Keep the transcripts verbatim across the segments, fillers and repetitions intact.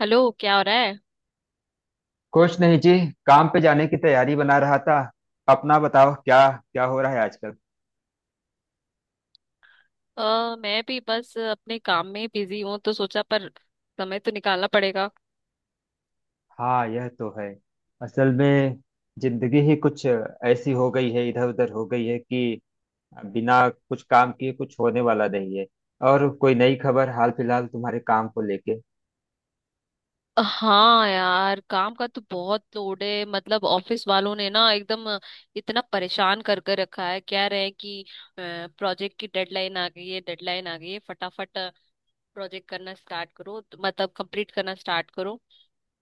Hello, क्या हो रहा है? कुछ नहीं जी। काम पे जाने की तैयारी बना रहा था। अपना बताओ। क्या क्या हो रहा है आजकल? अ, मैं भी बस अपने काम में बिजी हूँ, तो सोचा पर समय तो निकालना पड़ेगा। हाँ यह तो है। असल में जिंदगी ही कुछ ऐसी हो गई है, इधर उधर हो गई है कि बिना कुछ काम किए कुछ होने वाला नहीं है। और कोई नई खबर हाल फिलहाल तुम्हारे काम को लेके? हाँ यार, काम का तो बहुत लोड है, मतलब ऑफिस वालों ने ना एकदम इतना परेशान कर कर रखा है। कह रहे हैं कि प्रोजेक्ट की डेडलाइन आ गई है, डेडलाइन आ गई है, फटाफट प्रोजेक्ट करना स्टार्ट करो, तो मतलब कंप्लीट करना स्टार्ट करो।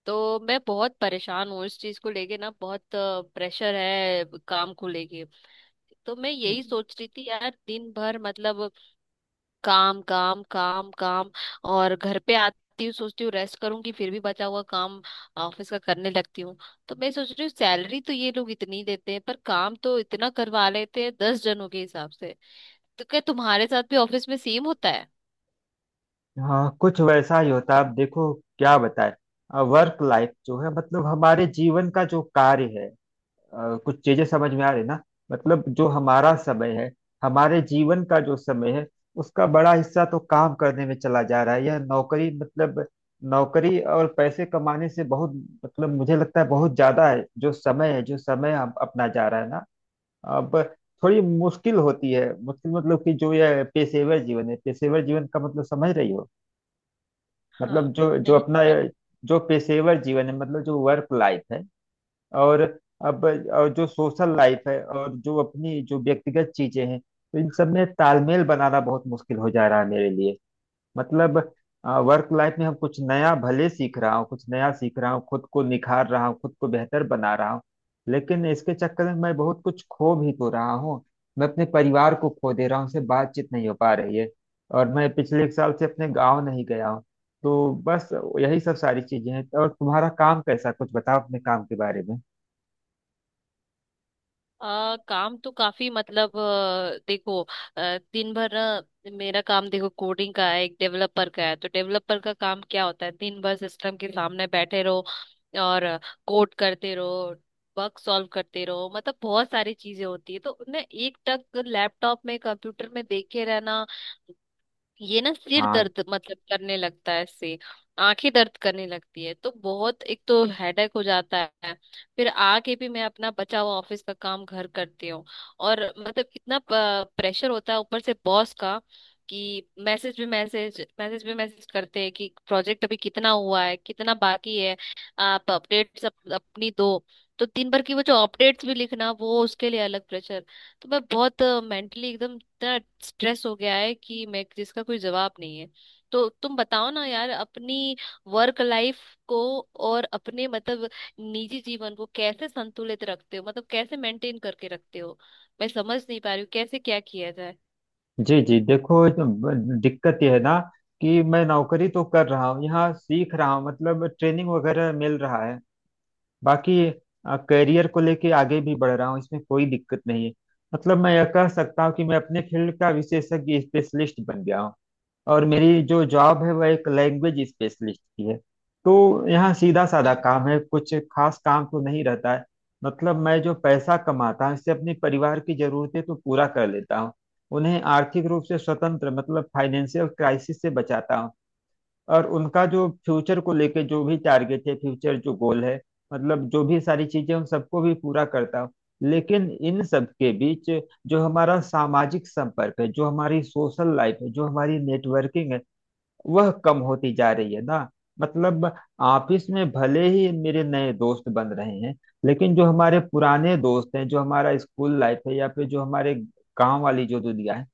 तो मैं बहुत परेशान हूँ इस चीज को लेके ना, बहुत प्रेशर है काम को लेके। तो मैं यही सोच रही थी यार, दिन भर मतलब काम काम काम काम, और घर पे आती हूँ सोचती हूँ रेस्ट करूंगी, फिर भी बचा हुआ काम ऑफिस का करने लगती हूँ। तो मैं सोच रही हूँ, सैलरी तो ये लोग इतनी देते हैं, पर काम तो इतना करवा लेते हैं दस जनों के हिसाब से। तो क्या तुम्हारे साथ भी ऑफिस में सेम होता है? हाँ, कुछ वैसा ही होता है। अब देखो क्या बताए। वर्क लाइफ जो है मतलब हमारे जीवन का जो कार्य है, अ, कुछ चीजें समझ में आ रही ना। मतलब जो हमारा समय है, हमारे जीवन का जो समय है, उसका बड़ा हिस्सा तो काम करने में चला जा रहा है। यह नौकरी मतलब नौकरी और पैसे कमाने से बहुत मतलब मुझे लगता है बहुत ज्यादा है, जो समय है, जो समय हम अपना जा रहा है ना। अब थोड़ी मुश्किल होती है। मुश्किल मतलब कि जो यह पेशेवर जीवन है, पेशेवर जीवन का मतलब समझ रही हो? हाँ। मतलब जो जो नहीं। अपना, जो पेशेवर जीवन है मतलब जो वर्क लाइफ है, और अब और जो सोशल लाइफ है और जो अपनी जो व्यक्तिगत चीजें हैं, तो इन सब में तालमेल बनाना बहुत मुश्किल हो जा रहा है मेरे लिए। मतलब वर्क लाइफ में हम कुछ नया भले सीख रहा हूँ, कुछ नया सीख रहा हूँ, खुद को निखार रहा हूँ, खुद को बेहतर बना रहा हूँ, लेकिन इसके चक्कर में मैं बहुत कुछ खो भी तो रहा हूँ। मैं अपने परिवार को खो दे रहा हूँ, उनसे बातचीत नहीं हो पा रही है। और मैं पिछले एक साल से अपने गाँव नहीं गया हूँ। तो बस यही सब सारी चीजें हैं। और तुम्हारा काम कैसा? कुछ बताओ अपने काम के बारे में। आ, काम तो काफी मतलब अ, देखो। अ, दिन भर ना, मेरा काम देखो कोडिंग का है, एक डेवलपर का है। तो डेवलपर का काम क्या होता है? दिन भर सिस्टम के सामने बैठे रहो और कोड करते रहो, बग सॉल्व करते रहो, मतलब बहुत सारी चीजें होती है। तो ना एक टक लैपटॉप में कंप्यूटर में देखे रहना, ये ना सिर हाँ। दर्द मतलब करने लगता है इससे, आंखें दर्द करने लगती है। तो बहुत एक तो हेडेक हो जाता है। फिर आके भी मैं अपना बचा हुआ ऑफिस का काम घर करती हूँ, और मतलब इतना प्रेशर होता है ऊपर से बॉस का, कि मैसेज भी मैसेज मैसेज भी मैसेज करते हैं कि प्रोजेक्ट अभी कितना हुआ है, कितना बाकी है, आप अपडेट्स अप, अपनी दो। तो दिन भर की वो जो अपडेट्स भी लिखना, वो उसके लिए अलग प्रेशर। तो मैं बहुत मेंटली एकदम इतना स्ट्रेस हो गया है कि मैं, जिसका कोई जवाब नहीं है। तो तुम बताओ ना यार, अपनी वर्क लाइफ को और अपने मतलब निजी जीवन को कैसे संतुलित रखते हो, मतलब कैसे मेंटेन करके रखते हो? मैं समझ नहीं पा रही हूँ कैसे क्या किया जाए। जी जी, देखो ये तो ब- दिक्कत यह है ना कि मैं नौकरी तो कर रहा हूँ, यहाँ सीख रहा हूँ, मतलब ट्रेनिंग वगैरह मिल रहा है। बाकी करियर को लेके आगे भी बढ़ रहा हूँ, इसमें कोई दिक्कत नहीं है। मतलब मैं यह कह सकता हूँ कि मैं अपने फील्ड का विशेषज्ञ, स्पेशलिस्ट बन गया हूँ। और मेरी जो जॉब है वह एक लैंग्वेज स्पेशलिस्ट की है। तो यहाँ सीधा साधा काम है, कुछ खास काम तो नहीं रहता है। मतलब मैं जो पैसा कमाता हूँ इससे अपने परिवार की जरूरतें तो पूरा कर लेता हूँ, उन्हें आर्थिक रूप से स्वतंत्र मतलब फाइनेंशियल क्राइसिस से बचाता हूँ। और उनका जो फ्यूचर को लेके जो भी टारगेट है, फ्यूचर जो गोल है, मतलब जो भी सारी चीजें, उन सबको भी पूरा करता हूँ। लेकिन इन सब के बीच जो हमारा सामाजिक संपर्क है, जो हमारी सोशल लाइफ है, जो हमारी नेटवर्किंग है, वह कम होती जा रही है ना। मतलब ऑफिस में भले ही मेरे नए दोस्त बन रहे हैं, लेकिन जो हमारे पुराने दोस्त हैं, जो हमारा स्कूल लाइफ है या फिर जो हमारे गांव वाली जो दुनिया है,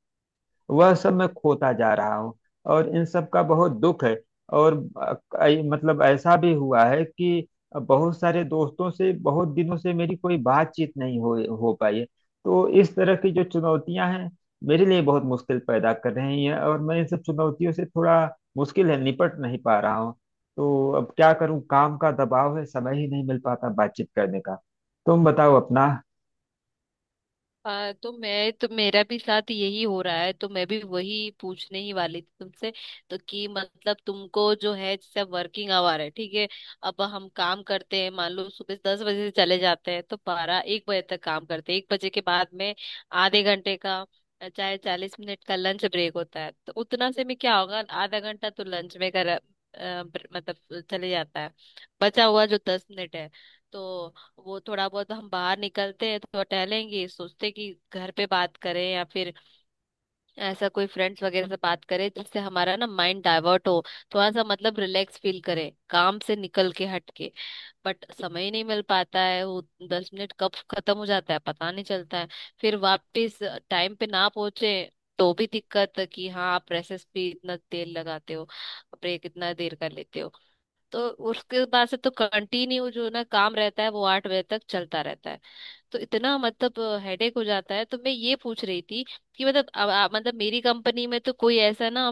वह सब मैं खोता जा रहा हूँ। और इन सब का बहुत दुख है। और अ, ऐ- मतलब ऐसा भी हुआ है कि बहुत सारे दोस्तों से बहुत दिनों से मेरी कोई बातचीत नहीं हो हो पाई है। तो इस तरह की जो चुनौतियां हैं, मेरे लिए बहुत मुश्किल पैदा कर रही हैं, और मैं इन सब चुनौतियों से थोड़ा, मुश्किल है, निपट नहीं पा रहा हूँ। तो अब क्या करूं, काम का दबाव है, समय ही नहीं मिल पाता बातचीत करने का। तुम बताओ अपना। हाँ तो मैं, तो मेरा भी साथ यही हो रहा है, तो मैं भी वही पूछने ही वाली थी तुमसे। तो कि मतलब तुमको जो है, जैसे वर्किंग आवर है ठीक है, अब हम काम करते हैं मान लो सुबह दस बजे से चले जाते हैं, तो बारह एक बजे तक काम करते हैं। एक बजे के बाद में आधे घंटे का, चाहे चालीस मिनट का लंच ब्रेक होता है। तो उतना से में क्या होगा, आधा घंटा तो लंच में कर अ, ब्र- मतलब चले जाता है। बचा हुआ जो दस मिनट है, तो वो थोड़ा बहुत हम बाहर निकलते हैं तो टहलेंगे, सोचते कि घर पे बात करें या फिर ऐसा कोई फ्रेंड्स वगैरह से बात करें, जिससे हमारा ना माइंड डाइवर्ट हो, थोड़ा सा मतलब रिलैक्स फील करें काम से निकल के हट के। बट समय ही नहीं मिल पाता है। वो दस मिनट कब खत्म हो जाता है पता नहीं चलता है। फिर वापस टाइम पे ना पहुंचे तो भी दिक्कत है कि हाँ आप प्रेसेस पे इतना तेल लगाते हो, ब्रेक इतना देर कर लेते हो। तो उसके बाद से तो कंटिन्यू जो ना काम रहता है, वो आठ बजे तक चलता रहता है। तो इतना मतलब हेडेक हो जाता है। तो मैं ये पूछ रही थी कि मतलब अब आप- मतलब मेरी कंपनी में तो कोई ऐसा ना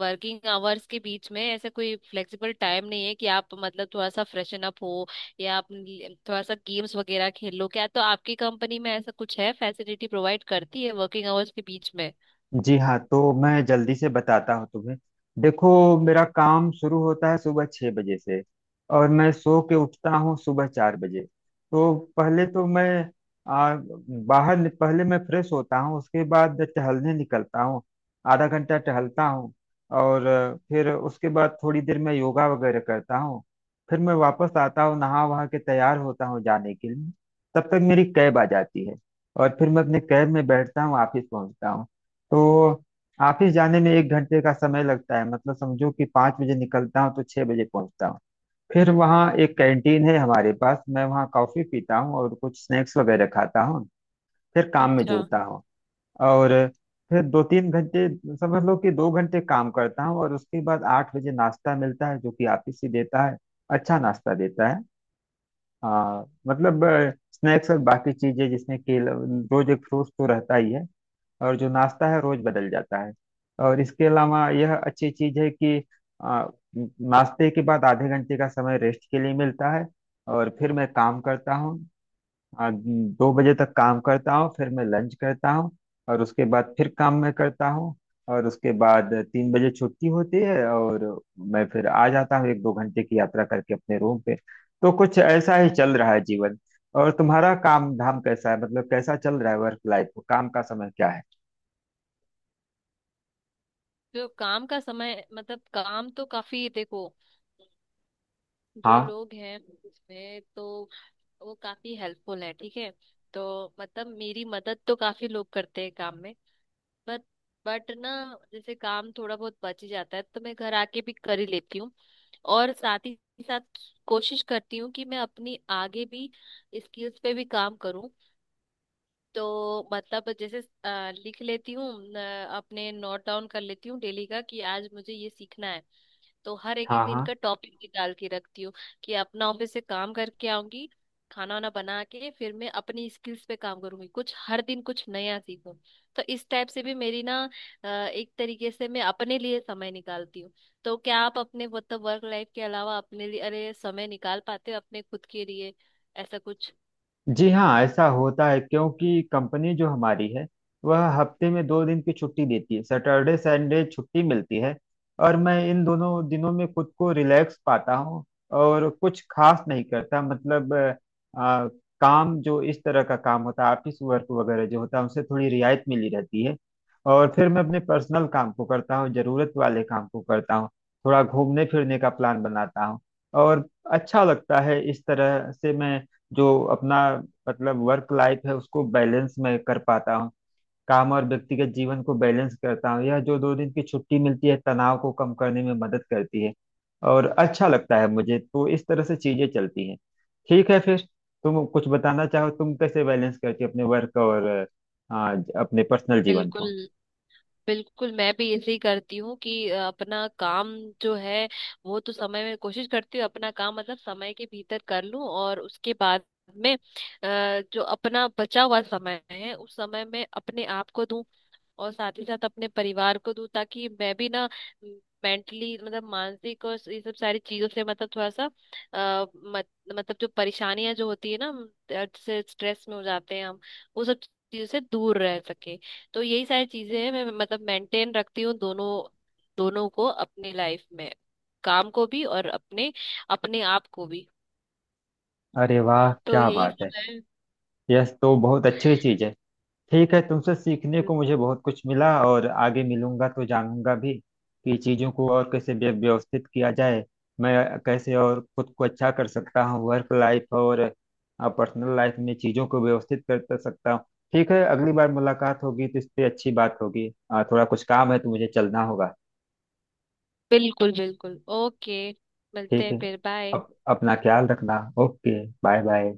वर्किंग आवर्स के बीच में ऐसा कोई फ्लेक्सिबल टाइम नहीं है कि आप मतलब थोड़ा सा फ्रेशन अप हो या आप ल- थोड़ा सा गेम्स वगैरह खेल लो, क्या तो आपकी कंपनी में ऐसा कुछ है, फैसिलिटी प्रोवाइड करती है वर्किंग आवर्स के बीच में? जी हाँ, तो मैं जल्दी से बताता हूँ तुम्हें। देखो, मेरा काम शुरू होता है सुबह छः बजे से। और मैं सो के उठता हूँ सुबह चार बजे। तो पहले तो मैं आ, बाहर नि- पहले मैं फ्रेश होता हूँ, उसके बाद टहलने निकलता हूँ। आधा घंटा टहलता हूँ, और अ, फिर उसके बाद थोड़ी देर मैं योगा वगैरह करता हूँ। फिर मैं वापस आता हूँ, नहा वहा के तैयार होता हूँ जाने के लिए, तब तक मेरी कैब आ जाती है। और फिर मैं अपने कैब में बैठता हूँ, ऑफिस पहुँचता हूँ। तो ऑफिस जाने में एक घंटे का समय लगता है, मतलब समझो कि पाँच बजे निकलता हूँ तो छः बजे पहुंचता हूँ। फिर वहाँ एक कैंटीन है हमारे पास, मैं वहाँ कॉफी पीता हूँ और कुछ स्नैक्स वगैरह खाता हूँ। फिर काम में अच्छा। जुड़ता हूँ। और फिर दो तीन घंटे, समझ लो कि दो घंटे काम करता हूँ, और उसके बाद आठ बजे नाश्ता मिलता है जो कि ऑफिस ही देता है। अच्छा नाश्ता देता है। हाँ मतलब, स्नैक्स और बाकी चीजें जिसमें केला, रोज एक फ्रूट तो रहता ही है, और जो नाश्ता है रोज बदल जाता है। और इसके अलावा यह अच्छी चीज है कि आ, नाश्ते के बाद आधे घंटे का समय रेस्ट के लिए मिलता है। और फिर मैं काम करता हूँ, आ, दो बजे तक काम करता हूँ, फिर मैं लंच करता हूँ, और उसके बाद फिर काम मैं करता हूँ, और उसके बाद तीन बजे छुट्टी होती है और मैं फिर आ जाता हूँ एक दो घंटे की यात्रा करके अपने रूम पे। तो कुछ ऐसा ही चल रहा है जीवन। और तुम्हारा काम धाम कैसा है, मतलब कैसा चल रहा है वर्क लाइफ? काम का समय क्या है? तो काम का समय, मतलब काम तो काफी देखो जो हाँ लोग हैं उसमें, तो वो काफी हेल्पफुल है ठीक है। तो मतलब मेरी मदद तो काफी लोग करते हैं काम में। बट बट ना, जैसे काम थोड़ा बहुत बच ही जाता है, तो मैं घर आके भी कर ही लेती हूँ। और साथ ही साथ कोशिश करती हूँ कि मैं अपनी आगे भी स्किल्स पे भी काम करूँ। तो मतलब जैसे अ, लिख लेती हूँ, अ, अपने नोट डाउन कर लेती हूँ डेली का, कि आज मुझे ये सीखना है। तो हर एक एक हाँ। दिन का हाँ टॉपिक निकाल के रखती हूँ कि अपना ऑफिस से काम करके आऊंगी, खाना वाना बना के फिर मैं अपनी स्किल्स पे काम करूंगी, कुछ हर दिन कुछ नया सीखूं। तो इस टाइप से भी मेरी ना अ, एक तरीके से मैं अपने लिए समय निकालती हूँ। तो क्या आप अपने मतलब वर्क लाइफ के अलावा अपने लिए अरे समय निकाल पाते हो अपने खुद के लिए, ऐसा कुछ? जी हाँ, ऐसा होता है क्योंकि कंपनी जो हमारी है वह हफ्ते में दो दिन की छुट्टी देती है, सैटरडे संडे छुट्टी मिलती है। और मैं इन दोनों दिनों में खुद को रिलैक्स पाता हूँ, और कुछ खास नहीं करता। मतलब अ, आ, काम जो इस तरह का काम होता है, ऑफिस वर्क वगैरह जो होता है, उनसे थोड़ी रियायत मिली रहती है। और फिर मैं अपने पर्सनल काम को करता हूँ, जरूरत वाले काम को करता हूँ, थोड़ा घूमने फिरने का प्लान बनाता हूँ। और अच्छा लगता है। इस तरह से मैं जो अपना मतलब वर्क लाइफ है उसको बैलेंस में कर पाता हूँ। काम और व्यक्तिगत जीवन को बैलेंस करता हूँ, यह जो दो दिन की छुट्टी मिलती है तनाव को कम करने में मदद करती है। और अच्छा लगता है मुझे, तो इस तरह से चीजें चलती हैं। ठीक है फिर, तुम कुछ बताना चाहो, तुम कैसे बैलेंस करती हो अपने वर्क और अ, अपने पर्सनल जीवन बिल्कुल को? बिल्कुल, मैं भी ऐसे ही करती हूँ कि अ, अपना काम जो है, वो तो समय में कोशिश करती हूँ अपना काम मतलब समय के भीतर कर लूँ। और उसके बाद में अ, जो अपना बचा हुआ समय है, उस समय में अपने आप को दूं और साथ ही साथ अपने परिवार को दूं, ताकि मैं भी ना मेंटली मतलब मानसिक और ये सब सारी चीजों से मतलब थोड़ा सा आ, मत, मतलब जो परेशानियां जो होती है ना हम, जैसे स्ट्रेस में हो जाते हैं हम, वो सब चीजों से दूर रह सके। तो यही सारी चीजें हैं, मैं मतलब मेंटेन रखती हूँ दोनों, दोनों को अपनी लाइफ में, काम को भी और अपने अपने आप को भी। अरे वाह तो क्या यही बात सब है। है। यह तो बहुत अच्छी चीज है। ठीक है, तुमसे सीखने को मुझे बहुत कुछ मिला, और आगे मिलूंगा तो जानूंगा भी कि चीजों को और कैसे व्य- व्यवस्थित किया जाए, मैं कैसे और खुद को अच्छा कर सकता हूँ, वर्क लाइफ और पर्सनल लाइफ में चीजों को व्यवस्थित कर कर सकता हूँ। ठीक है, अगली बार मुलाकात होगी तो इस पे अच्छी बात होगी। अ, थोड़ा कुछ काम है तो मुझे चलना होगा। बिल्कुल बिल्कुल ओके। मिलते ठीक हैं है। फिर, बाय। अप, अपना ख्याल रखना। Okay bye bye.